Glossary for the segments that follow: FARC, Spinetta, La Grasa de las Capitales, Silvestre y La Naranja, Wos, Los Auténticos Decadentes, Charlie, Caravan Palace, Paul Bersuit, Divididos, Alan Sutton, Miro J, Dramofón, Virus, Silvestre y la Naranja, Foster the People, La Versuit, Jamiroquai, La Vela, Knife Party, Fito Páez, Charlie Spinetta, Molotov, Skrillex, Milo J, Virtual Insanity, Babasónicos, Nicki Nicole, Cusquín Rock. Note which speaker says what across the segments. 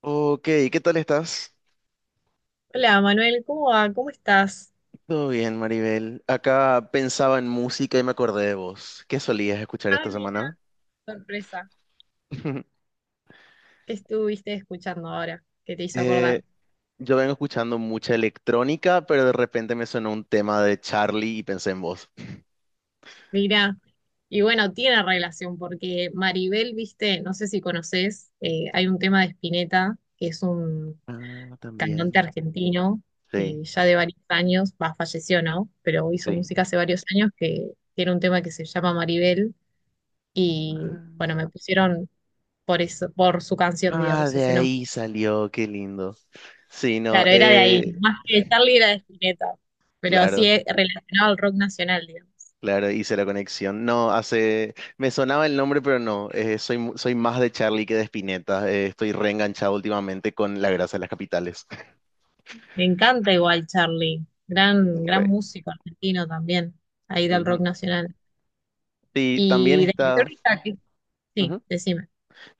Speaker 1: Ok, ¿qué tal estás?
Speaker 2: Hola Manuel, ¿cómo va? ¿Cómo estás?
Speaker 1: Todo bien, Maribel. Acá pensaba en música y me acordé de vos. ¿Qué solías escuchar
Speaker 2: Ah,
Speaker 1: esta
Speaker 2: mira,
Speaker 1: semana?
Speaker 2: sorpresa. ¿Qué estuviste escuchando ahora? ¿Qué te hizo
Speaker 1: Eh,
Speaker 2: acordar?
Speaker 1: yo vengo escuchando mucha electrónica, pero de repente me sonó un tema de Charlie y pensé en vos.
Speaker 2: Mira, y bueno, tiene relación porque Maribel, viste, no sé si conoces, hay un tema de Spinetta, que es un
Speaker 1: Ah,
Speaker 2: cantante
Speaker 1: también.
Speaker 2: argentino,
Speaker 1: Sí,
Speaker 2: ya de varios años, va, falleció, ¿no? Pero hizo
Speaker 1: sí.
Speaker 2: música hace varios años que tiene un tema que se llama Maribel y
Speaker 1: Ah,
Speaker 2: bueno, me pusieron por eso, por su canción,
Speaker 1: ah,
Speaker 2: digamos,
Speaker 1: de
Speaker 2: ese nombre.
Speaker 1: ahí salió, qué lindo. Sí, no,
Speaker 2: Claro, era de ahí. Más que Charlie era de Spinetta. Pero sí
Speaker 1: claro.
Speaker 2: es relacionado al rock nacional, digamos.
Speaker 1: Claro, hice la conexión. No, hace. Me sonaba el nombre, pero no. Soy, soy más de Charlie que de Spinetta. Estoy reenganchado últimamente con La Grasa de las Capitales.
Speaker 2: Me encanta igual Charlie. Gran, gran
Speaker 1: Re.
Speaker 2: músico argentino también. Ahí del
Speaker 1: Ujú.
Speaker 2: rock nacional.
Speaker 1: Sí, también
Speaker 2: Y de
Speaker 1: está.
Speaker 2: histórica, ¿qué? Sí,
Speaker 1: Ujú.
Speaker 2: decime.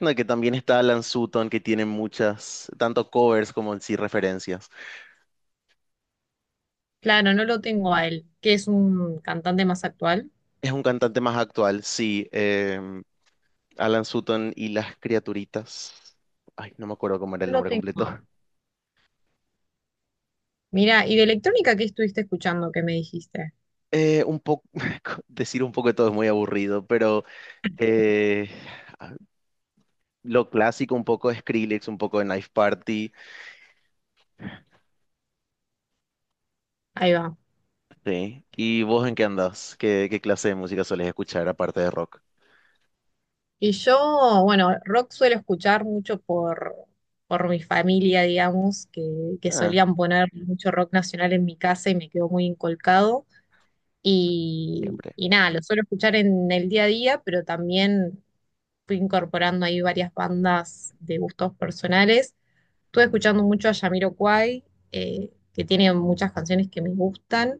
Speaker 1: No, que también está Alan Sutton, que tiene muchas, tanto covers como en sí referencias.
Speaker 2: Claro, no lo tengo a él, que es un cantante más actual.
Speaker 1: Es un cantante más actual, sí. Alan Sutton y las criaturitas. Ay, no me acuerdo cómo era el
Speaker 2: No lo
Speaker 1: nombre
Speaker 2: tengo.
Speaker 1: completo.
Speaker 2: Mira, ¿y de electrónica qué estuviste escuchando que me dijiste?
Speaker 1: Un poco, decir un poco de todo es muy aburrido, pero eh, lo clásico, un poco de Skrillex, un poco de Knife Party.
Speaker 2: Ahí va.
Speaker 1: Sí. ¿Y vos en qué andás? ¿Qué, qué clase de música solés escuchar aparte de rock?
Speaker 2: Y yo, bueno, rock suelo escuchar mucho por mi familia, digamos, que
Speaker 1: Ah,
Speaker 2: solían poner mucho rock nacional en mi casa y me quedó muy inculcado. Y,
Speaker 1: siempre.
Speaker 2: y nada, lo suelo escuchar en el día a día, pero también fui incorporando ahí varias bandas de gustos personales. Estuve escuchando mucho a Jamiroquai, que tiene muchas canciones que me gustan.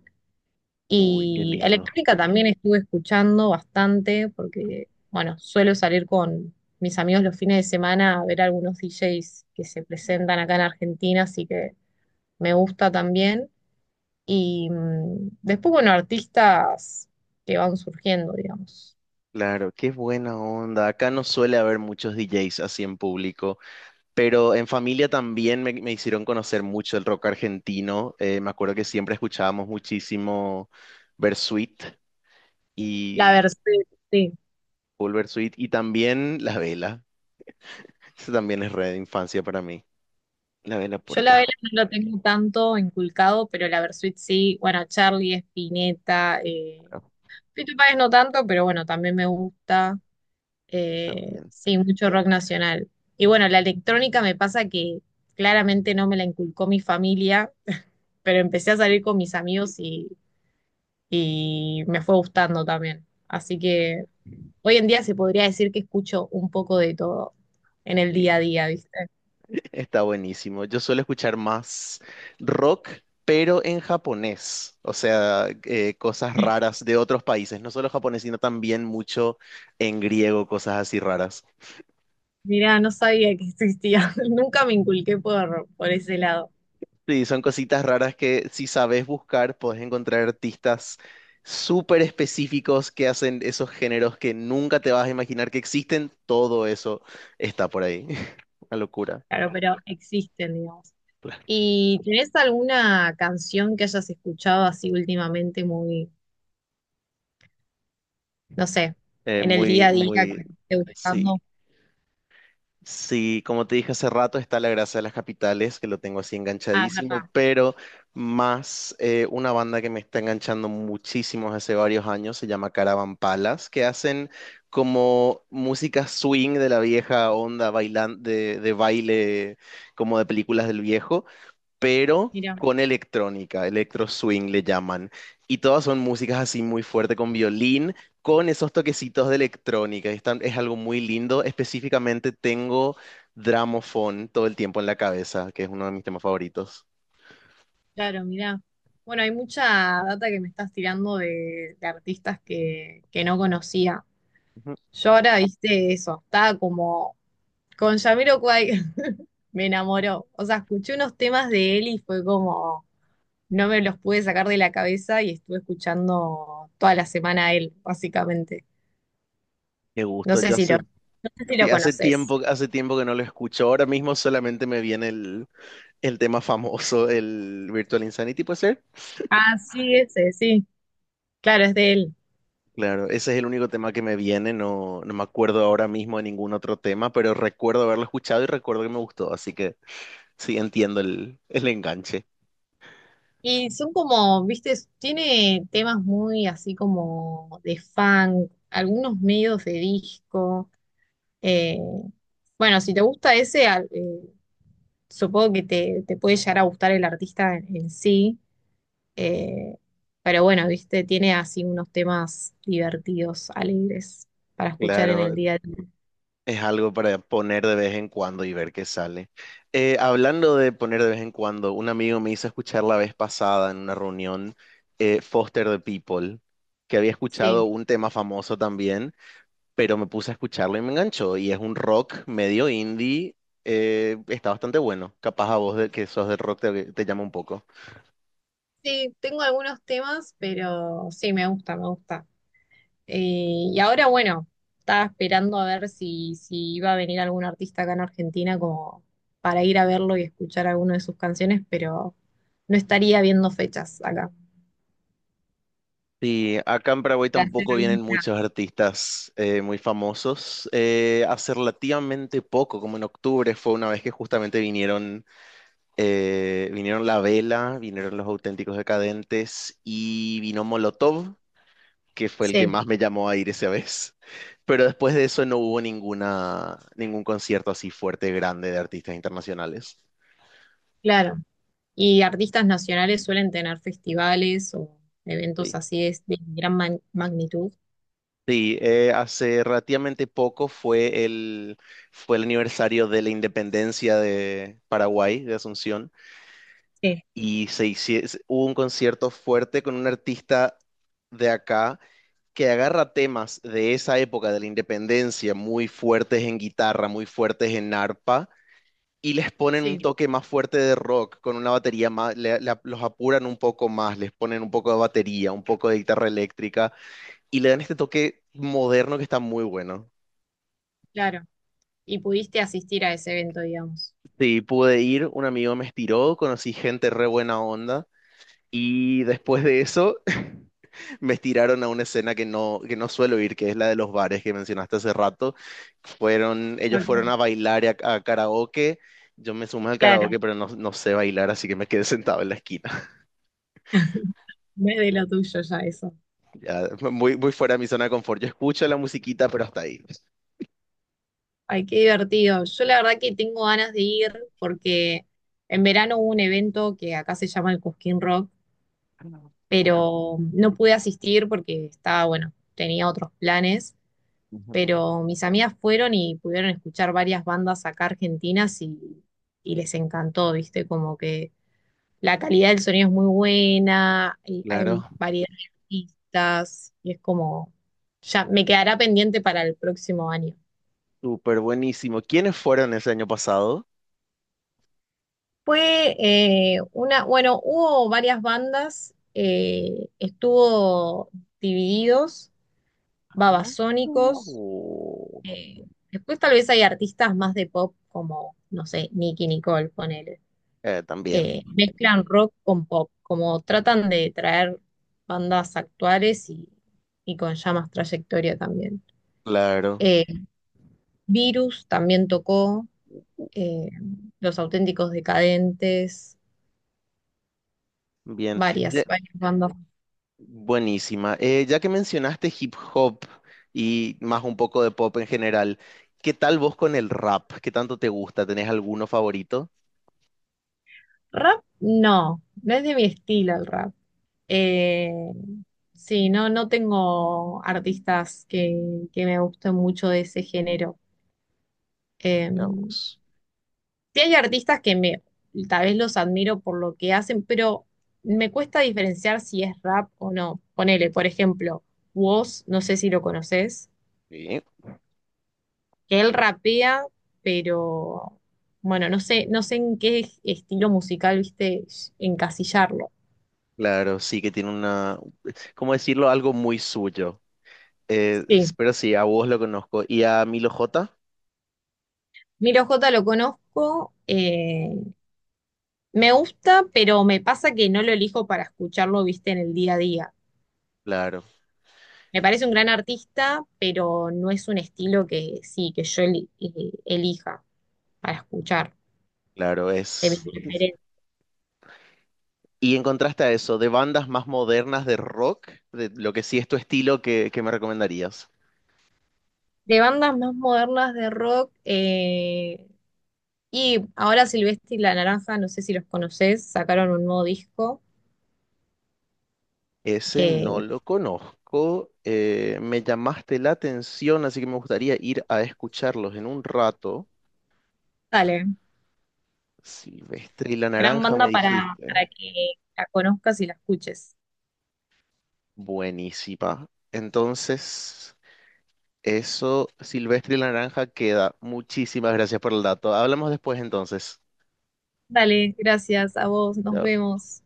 Speaker 1: Uy, qué
Speaker 2: Y
Speaker 1: lindo.
Speaker 2: electrónica también estuve escuchando bastante porque, bueno, suelo salir con mis amigos los fines de semana a ver algunos DJs que se presentan acá en Argentina, así que me gusta también. Y después, bueno, artistas que van surgiendo, digamos.
Speaker 1: Claro, qué buena onda. Acá no suele haber muchos DJs así en público, pero en familia también me hicieron conocer mucho el rock argentino. Me acuerdo que siempre escuchábamos muchísimo Bersuit
Speaker 2: La
Speaker 1: y
Speaker 2: Versuit, sí.
Speaker 1: Paul Bersuit y también La Vela. Eso también es red de infancia para mí. La Vela por
Speaker 2: Yo la Vela
Speaker 1: acá.
Speaker 2: no lo tengo tanto inculcado, pero la Versuit sí. Bueno, Charlie, Spinetta,
Speaker 1: Ah,
Speaker 2: Fito Páez no tanto, pero bueno, también me gusta.
Speaker 1: sí, también.
Speaker 2: Sí, mucho rock nacional. Y bueno, la electrónica me pasa que claramente no me la inculcó mi familia, pero empecé a salir
Speaker 1: Sí,
Speaker 2: con mis amigos y me fue gustando también. Así que hoy en día se podría decir que escucho un poco de todo en el día a
Speaker 1: sí.
Speaker 2: día, ¿viste?
Speaker 1: Está buenísimo. Yo suelo escuchar más rock, pero en japonés. O sea, cosas raras de otros países. No solo japonés, sino también mucho en griego, cosas así raras.
Speaker 2: Mirá, no sabía que existía. Nunca me inculqué por ese lado.
Speaker 1: Sí, son cositas raras que si sabes buscar, podés encontrar artistas súper específicos que hacen esos géneros que nunca te vas a imaginar que existen. Todo eso está por ahí. Una locura.
Speaker 2: Claro, pero existen, digamos.
Speaker 1: Claro.
Speaker 2: ¿Y tenés alguna canción que hayas escuchado así últimamente muy no sé, en el día
Speaker 1: Muy,
Speaker 2: a día
Speaker 1: muy...
Speaker 2: que esté
Speaker 1: Sí.
Speaker 2: buscando?
Speaker 1: Sí, como te dije hace rato, está La Grasa de las Capitales, que lo tengo así
Speaker 2: Ah, es
Speaker 1: enganchadísimo,
Speaker 2: verdad.
Speaker 1: pero más una banda que me está enganchando muchísimo hace varios años, se llama Caravan Palace, que hacen como música swing de la vieja onda bailan de baile como de películas del viejo pero
Speaker 2: Mira,
Speaker 1: con electrónica, electro swing le llaman. Y todas son músicas así muy fuerte con violín, con esos toquecitos de electrónica. Es algo muy lindo. Específicamente tengo Dramofón todo el tiempo en la cabeza, que es uno de mis temas favoritos.
Speaker 2: claro, mira. Bueno, hay mucha data que me estás tirando de artistas que no conocía.
Speaker 1: Ujú.
Speaker 2: Yo ahora, viste, eso, estaba como con Jamiroquai, me enamoró. O sea, escuché unos temas de él y fue como, no me los pude sacar de la cabeza y estuve escuchando toda la semana a él, básicamente.
Speaker 1: Qué gusto, ya hace,
Speaker 2: No sé si lo
Speaker 1: sí,
Speaker 2: conoces.
Speaker 1: hace tiempo que no lo escucho. Ahora mismo solamente me viene el tema famoso, el Virtual Insanity, ¿puede ser?
Speaker 2: Ah, sí, ese, sí. Claro, es de él.
Speaker 1: Claro, ese es el único tema que me viene, no, no me acuerdo ahora mismo de ningún otro tema, pero recuerdo haberlo escuchado y recuerdo que me gustó, así que sí entiendo el enganche.
Speaker 2: Y son como, viste, tiene temas muy así como de funk, algunos medios de disco. eh, bueno, si te gusta ese, supongo que te puede llegar a gustar el artista en sí. eh, pero bueno, viste, tiene así unos temas divertidos, alegres para escuchar en el
Speaker 1: Claro,
Speaker 2: día a día.
Speaker 1: es algo para poner de vez en cuando y ver qué sale. Hablando de poner de vez en cuando, un amigo me hizo escuchar la vez pasada en una reunión Foster the People, que había
Speaker 2: Sí,
Speaker 1: escuchado un tema famoso también pero me puse a escucharlo y me enganchó. Y es un rock medio indie, está bastante bueno. Capaz a vos de, que sos del rock te, te llama un poco.
Speaker 2: sí, tengo algunos temas, pero sí, me gusta, me gusta. Y ahora, bueno, estaba esperando a ver si, si iba a venir algún artista acá en Argentina como para ir a verlo y escuchar alguna de sus canciones, pero no estaría viendo fechas acá.
Speaker 1: Sí, acá en Paraguay
Speaker 2: Para hacer
Speaker 1: tampoco
Speaker 2: algún
Speaker 1: vienen
Speaker 2: plan.
Speaker 1: muchos artistas muy famosos. Hace relativamente poco, como en octubre, fue una vez que justamente vinieron, vinieron La Vela, vinieron Los Auténticos Decadentes y vino Molotov. Que fue el que
Speaker 2: Sí,
Speaker 1: más me llamó a ir esa vez. Pero después de eso no hubo ninguna, ningún concierto así fuerte, grande de artistas internacionales.
Speaker 2: claro. Y artistas nacionales suelen tener festivales o eventos
Speaker 1: Sí,
Speaker 2: así de gran magnitud.
Speaker 1: sí, hace relativamente poco fue el aniversario de la independencia de Paraguay, de Asunción,
Speaker 2: Sí.
Speaker 1: y se hubo un concierto fuerte con un artista de acá que agarra temas de esa época de la independencia, muy fuertes en guitarra, muy fuertes en arpa y les ponen un
Speaker 2: Sí,
Speaker 1: toque más fuerte de rock, con una batería más, los apuran un poco más, les ponen un poco de batería, un poco de guitarra eléctrica y le dan este toque moderno que está muy bueno.
Speaker 2: claro. Y pudiste asistir a ese evento, digamos.
Speaker 1: Sí, pude ir, un amigo me estiró, conocí gente re buena onda y después de eso me estiraron a una escena que no suelo ir, que es la de los bares que mencionaste hace rato. Fueron, ellos fueron a
Speaker 2: Ok,
Speaker 1: bailar y a karaoke. Yo me sumé al
Speaker 2: claro.
Speaker 1: karaoke, pero no, no sé bailar, así que me quedé sentado en la esquina.
Speaker 2: No es de lo tuyo ya eso.
Speaker 1: Ya, muy, muy fuera de mi zona de confort. Yo escucho la musiquita, pero hasta ahí.
Speaker 2: Ay, qué divertido. Yo la verdad que tengo ganas de ir porque en verano hubo un evento que acá se llama el Cusquín Rock, pero no pude asistir porque estaba, bueno, tenía otros planes,
Speaker 1: Ujú.
Speaker 2: pero mis amigas fueron y pudieron escuchar varias bandas acá argentinas y les encantó, ¿viste? Como que la calidad del sonido es muy buena, y hay
Speaker 1: Claro,
Speaker 2: variedad de artistas y es como, ya me quedará pendiente para el próximo año.
Speaker 1: súper buenísimo. ¿Quiénes fueron ese año pasado?
Speaker 2: Fue bueno, hubo varias bandas, estuvo Divididos,
Speaker 1: No.
Speaker 2: Babasónicos,
Speaker 1: Uh,
Speaker 2: después tal vez hay artistas más de pop como, no sé, Nicki Nicole, ponele.
Speaker 1: también,
Speaker 2: Mezclan rock con pop, como tratan de traer bandas actuales y con ya más trayectoria también.
Speaker 1: claro,
Speaker 2: Eh, Virus también tocó, eh, Los Auténticos Decadentes,
Speaker 1: bien.
Speaker 2: varias,
Speaker 1: Ya-
Speaker 2: varias bandas.
Speaker 1: buenísima. Ya que mencionaste hip hop y más un poco de pop en general, ¿qué tal vos con el rap? ¿Qué tanto te gusta? ¿Tenés alguno favorito?
Speaker 2: Rap, no, no es de mi estilo el rap. Eh, sí, no, no tengo artistas que me gusten mucho de ese género. Eh,
Speaker 1: Veamos.
Speaker 2: sí hay artistas que me, tal vez los admiro por lo que hacen, pero me cuesta diferenciar si es rap o no. Ponele, por ejemplo, Wos, no sé si lo conoces,
Speaker 1: Sí.
Speaker 2: que él rapea, pero bueno, no sé, no sé en qué estilo musical, viste, encasillarlo.
Speaker 1: Claro, sí que tiene una, ¿cómo decirlo? Algo muy suyo. Eh,
Speaker 2: Sí.
Speaker 1: pero sí, a vos lo conozco. ¿Y a Milo J?
Speaker 2: Miro J lo conozco, me gusta, pero me pasa que no lo elijo para escucharlo, viste, en el día a día.
Speaker 1: Claro,
Speaker 2: Me parece un gran artista, pero no es un estilo que sí, que yo elija para escuchar,
Speaker 1: claro,
Speaker 2: de mi
Speaker 1: es.
Speaker 2: preferencia.
Speaker 1: Y en contraste a eso, de bandas más modernas de rock, de lo que sí es tu estilo, ¿qué, qué me recomendarías?
Speaker 2: De bandas más modernas de rock, y ahora Silvestre y La Naranja, no sé si los conoces, sacaron un nuevo disco.
Speaker 1: Ese no
Speaker 2: Eh,
Speaker 1: lo conozco. Me llamaste la atención, así que me gustaría ir a escucharlos en un rato.
Speaker 2: dale,
Speaker 1: Silvestre y la
Speaker 2: gran
Speaker 1: Naranja me
Speaker 2: banda para
Speaker 1: dijiste.
Speaker 2: que la conozcas y la escuches.
Speaker 1: Buenísima. Entonces, eso, Silvestre y la Naranja queda. Muchísimas gracias por el dato. Hablamos después entonces.
Speaker 2: Dale, gracias a vos, nos
Speaker 1: Chao.
Speaker 2: vemos.